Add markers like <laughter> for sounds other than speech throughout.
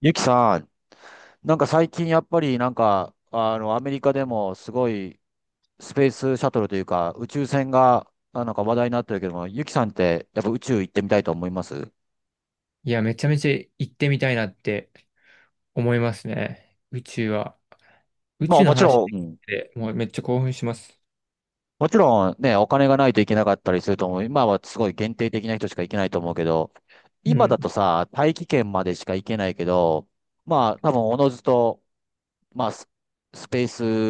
ゆきさん、なんか最近やっぱりなんか、アメリカでもすごいスペースシャトルというか宇宙船がなんか話題になってるけども、ゆきさんってやっぱ宇宙行ってみたいと思います？いや、めちゃめちゃ行ってみたいなって思いますね。宇宙は。宇まあ宙のもち話ろでん、きうん、て、もうめっちゃ興奮します。もちろんね、お金がないといけなかったりすると思う。今はすごい限定的な人しか行けないと思うけど、う今だん。とさ、大気圏までしか行けないけど、まあ多分おのずと、まあスペー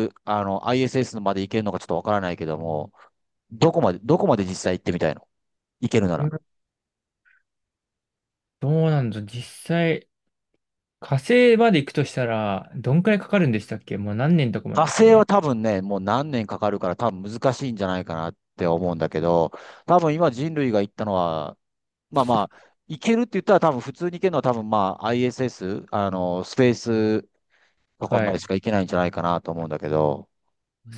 ス、ISS まで行けるのかちょっとわからないけども、どこまで実際行ってみたいの、いけるなら？どうなんだ、実際、火星まで行くとしたら、どんくらいかかるんでしたっけ。もう何年とかまで火ですよ星はね。多分ね、もう何年かかるから多分難しいんじゃないかなって思うんだけど、多分今人類が行ったのは、まあまあ、行けるって言ったら多分普通に行けるのは多分まあ ISS、スペースとかはまでい。しか行けないんじゃないかなと思うんだけど、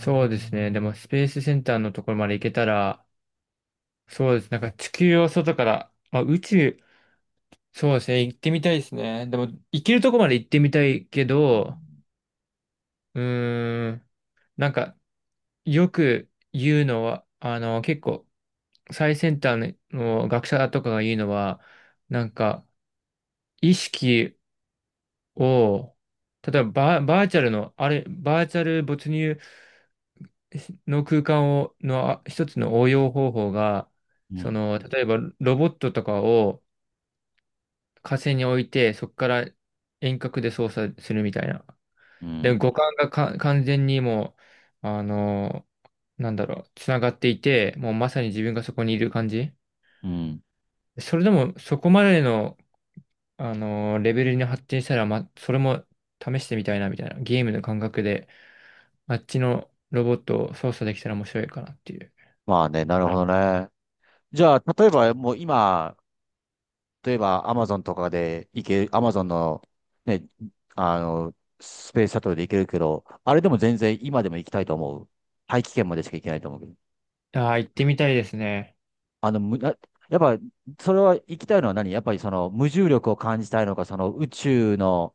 そうですね。でも、スペースセンターのところまで行けたら、そうです。なんか地球を外から、まあ、宇宙、そうですね。行ってみたいですね。でも、行けるとこまで行ってみたいけど、うーん。なんか、よく言うのは、結構、最先端の学者とかが言うのは、なんか、意識を、例えばバーチャルの、あれ、バーチャル没入の空間を、のあ一つの応用方法が、うそん、の、例えばロボットとかを火星に置いて、そこから遠隔で操作するみたいな。うで、ん、五感がか完全にもう、なんだろう、つながっていて、もうまさに自分がそこにいる感じ。うん。それでも、そこまでの、レベルに発展したら、ま、それも試してみたいな、みたいな。ゲームの感覚で、あっちのロボットを操作できたら面白いかなっていう。まあね、なるほどね。じゃあ、例えばもう今、例えば、アマゾンとかで行ける、アマゾンの、ね、あの、スペースシャトルで行けるけど、あれでも全然今でも行きたいと思う。大気圏までしか行けないと思うけど。ああ、行ってみたいですね。あの、む、なやっぱ、それは行きたいのは何？やっぱりその無重力を感じたいのか、その宇宙の、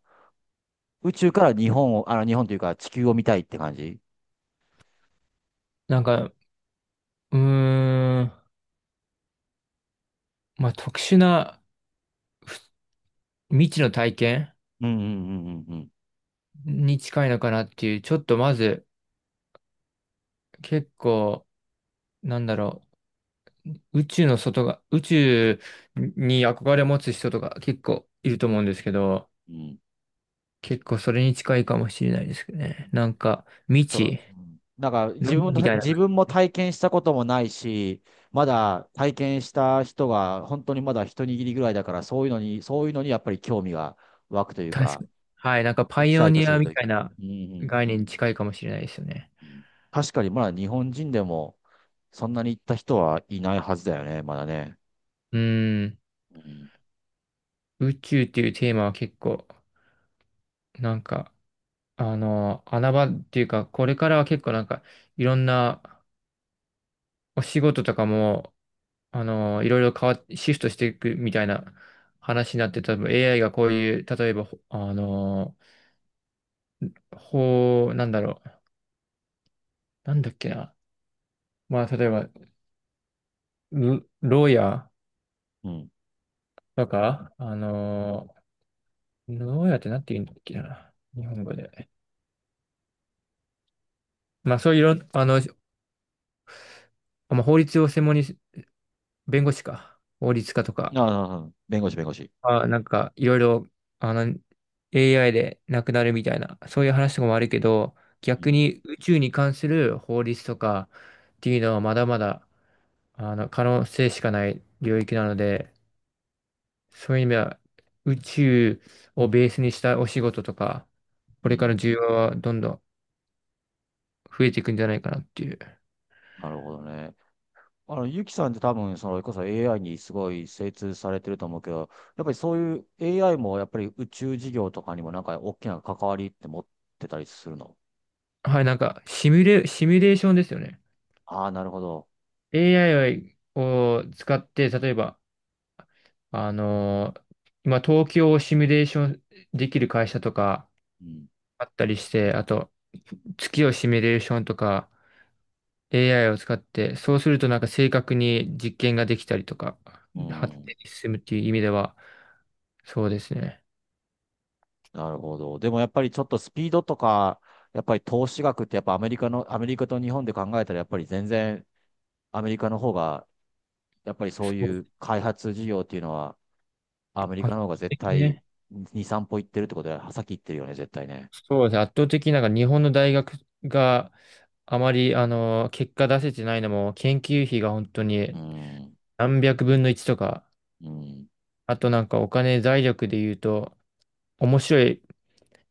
宇宙から日本を、日本というか地球を見たいって感じ？なんか、うーん、まあ、特殊な未知の体験うん、うん、うん、うん、うん。に近いのかなっていう。ちょっとまず、結構、なんだろう。宇宙の外が、宇宙に憧れを持つ人とか結構いると思うんですけど、うん、結構それに近いかもしれないですけどね。なんか、未そう、知、うん、なんかル自ー分と、みたいな、自分も体験したこともないし、まだ体験した人が本当にまだ一握りぐらいだから、そういうのに、そういうのにやっぱり興味が湧くという確かか、に。はい、なんかエパキイサオイトニすアるみというたか。いなうん、うん、概念に近いかもしれないですよね。うん。確かにまだ日本人でもそんなに行った人はいないはずだよね、まだね。うーん、うん、宇宙っていうテーマは結構、なんか、穴場っていうか、これからは結構なんか、いろんなお仕事とかも、いろいろ変わっ、シフトしていくみたいな話になって、多分 AI がこういう、例えば、ほあの、法、なんだろう、なんだっけな。まあ、例えば、牢屋うん。とか、牢屋ってなんて言うんだっけな、日本語で。まあそういういろ、あの、まあ、法律を専門に、弁護士か、法律家とあか、あ、ああ弁護士、弁護士。あ、なんかいろいろ、あの、AI でなくなるみたいな、そういう話とかもあるけど、う逆ん、に宇宙に関する法律とかっていうのはまだまだ、可能性しかない領域なので、そういう意味では、宇宙をベースにしたお仕事とか、うこれからん。需要はどんどん増えていくんじゃないかなっていう。なるほどね。ゆきさんって多分、その、それこそ AI にすごい精通されてると思うけど、やっぱりそういう AI もやっぱり宇宙事業とかにもなんか大きな関わりって持ってたりするの？はい、なんか、シミュレーションですよね。ああー、なるほど。AI を使って、例えば、あのー今、東京をシミュレーションできる会社とかうん。あったりして、あと、月をシミュレーションとか、AI を使って、そうするとなんか正確に実験ができたりとか、う発ん。展に進むっていう意味では、そうですね。なるほど。でもやっぱりちょっとスピードとか、やっぱり投資額ってやっぱアメリカの、アメリカと日本で考えたらやっぱり全然アメリカの方が、やっぱりそうそういう開発事業っていうのはアメリ圧カの方が倒絶的対ね。2、3歩行ってるってことで、先行ってるよね、絶対ね。そうですね。圧倒的になんか日本の大学があまり、結果出せてないのも、研究費が本当うにん。何百分の1とか、うん。あとなんかお金財力で言うと、面白い、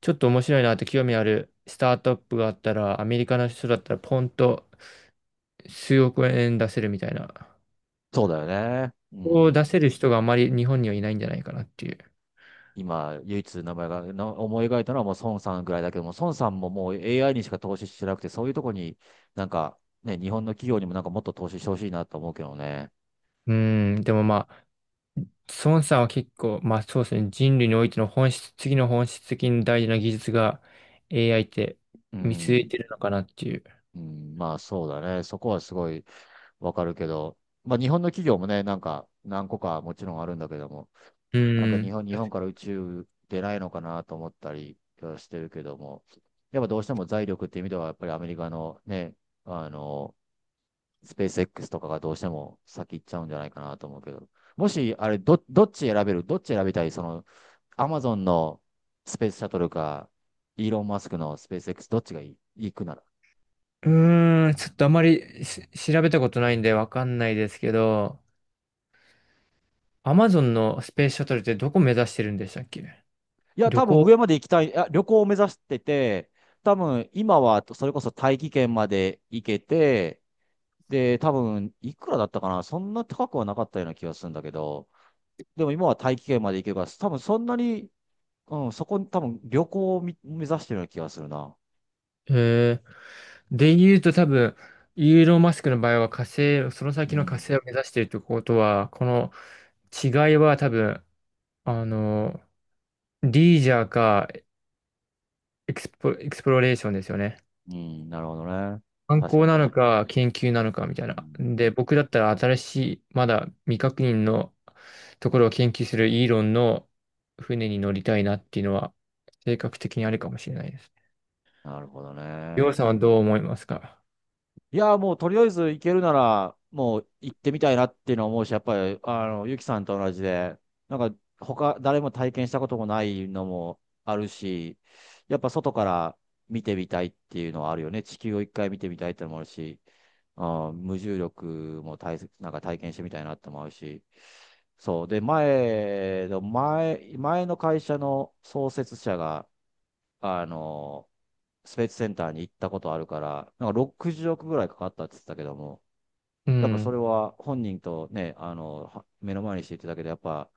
ちょっと面白いなって興味あるスタートアップがあったら、アメリカの人だったらポンと数億円出せるみたいな。そうだよね。うをん。出せる人があまり日本にはいないんじゃないかなっていう。今、唯一名前が思い描いたのはもう孫さんぐらいだけども、孫さんももう AI にしか投資してなくて、そういうとこになんかね、日本の企業にもなんかもっと投資してほしいなと思うけどね。うん、でもまあ孫さんは結構、まあそうですね、人類においての本質、次の本質的に大事な技術が AI ってう見据えん。てるのかなっていう。うん、まあそうだね。そこはすごいわかるけど、まあ日本の企業もね、なんか何個かもちろんあるんだけども、うなんかん。日本から宇宙出ないのかなと思ったりはしてるけども、やっぱどうしても財力っていう意味では、やっぱりアメリカのね、あの、スペース X とかがどうしても先行っちゃうんじゃないかなと思うけど、もし、あれど、どっち選べるどっち選びたい、その、アマゾンのスペースシャトルか、イーロン・マスクのスペース X、どっちがいい、行くなら？うーん、ちょっとあまり調べたことないんでわかんないですけど、アマゾンのスペースシャトルってどこ目指してるんでしたっけ。いや、旅多分行。上まで行きたい、旅行を目指してて、多分今はそれこそ大気圏まで行けて、で、多分いくらだったかな、そんな高くはなかったような気がするんだけど、でも今は大気圏まで行けるから、多分そんなに、うん、そこに多分旅行を目指してるような気がするな。えー、で言うと多分、イーロン・マスクの場合は火星、そのう先の火ん。星を目指しているということは、この違いは多分、あの、リージャーかエクスプロレーションですよね。うん、なるほどね。観確か光に、な確のかか、研究なのかみたいに。うな。ん、で、僕だったら新しい、まだ未確認のところを研究するイーロンの船に乗りたいなっていうのは、性格的にあるかもしれないですね。なるほどりょね。うさんはどう思いますか？いや、もうとりあえず行けるなら、もう行ってみたいなっていうのは思うし、やっぱり、ゆきさんと同じで、なんか、他、誰も体験したこともないのもあるし、やっぱ外から見てみたいっていうのはあるよね。地球を一回見てみたいってのもあるし、あー、無重力もなんか体験してみたいなって思うし、そう。で、前の会社の創設者が、あの、スペースセンターに行ったことあるから、なんか60億ぐらいかかったって言ってたけども、うやっぱそん。れは本人とね、目の前にして言ってただけで、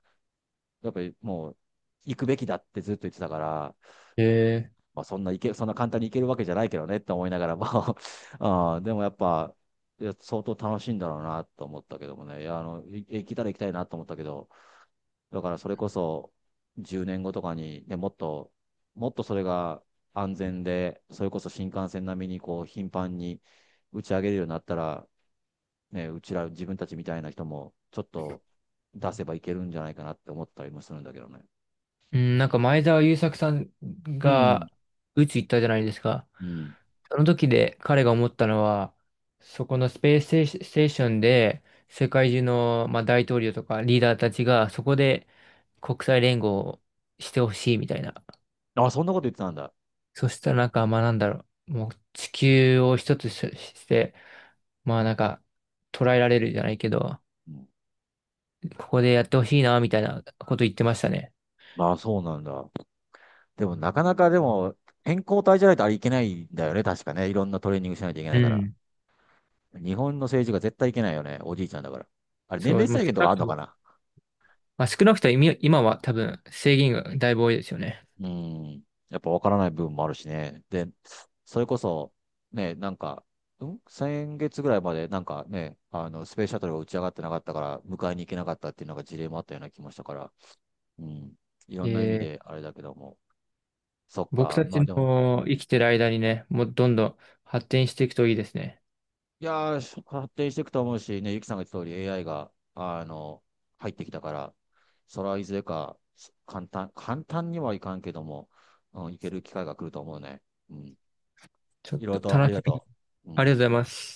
やっぱりもう、行くべきだってずっと言ってたから、えー、まあ、そんな簡単に行けるわけじゃないけどねって思いながらも <laughs> あー、でもやっぱ、いや相当楽しいんだろうなと思ったけどもね、いや、行けたら行きたいなと思ったけど、だからそれこそ10年後とかに、ね、もっとそれが安全で、それこそ新幹線並みにこう頻繁に打ち上げるようになったら、ね、うちら自分たちみたいな人もちょっと出せばいけるんじゃないかなって思ったりもするんだけどね。うん、なんか前澤友作さんうん。が宇宙行ったじゃないですか。うん。その時で彼が思ったのは、そこのスペースステーシステーションで世界中の、まあ、大統領とかリーダーたちがそこで国際連合をしてほしいみたいな。あ、そんなこと言ってたんだ。そしたらなんか、まあなんだろう、もう地球を一つしして、まあなんか捉えられるじゃないけど、うん。ここでやってほしいなみたいなこと言ってましたね。ああ、そうなんだ。でも、なかなかでも、健康体じゃないとあれいけないんだよね。確かね。いろんなトレーニングしないといけうないから。ん。日本の政治が絶対いけないよね。おじいちゃんだから。あれ、年そ齢う、まあ、制少限となかあくるとのかもな？まあ、少なくとも今は多分制限がだいぶ多いですよね。うん。やっぱわからない部分もあるしね。で、それこそ、ね、なんか、先月ぐらいまで、なんかね、スペースシャトルが打ち上がってなかったから、迎えに行けなかったっていうのが事例もあったような気もしたから、うん。いろんな意味えでー、あれだけども。そっ僕か。たまちあでも、の生きてる間にね、もうどんどん発展していくといいですね。いやー、発展していくと思うし、ね、ゆきさんが言った通り AI が、入ってきたから、それはいずれか、簡単にはいかんけども、うん、いける機会が来ると思うね。うん。ちょっいろいろととあり楽がしみに。とう。うありん。がとうございます。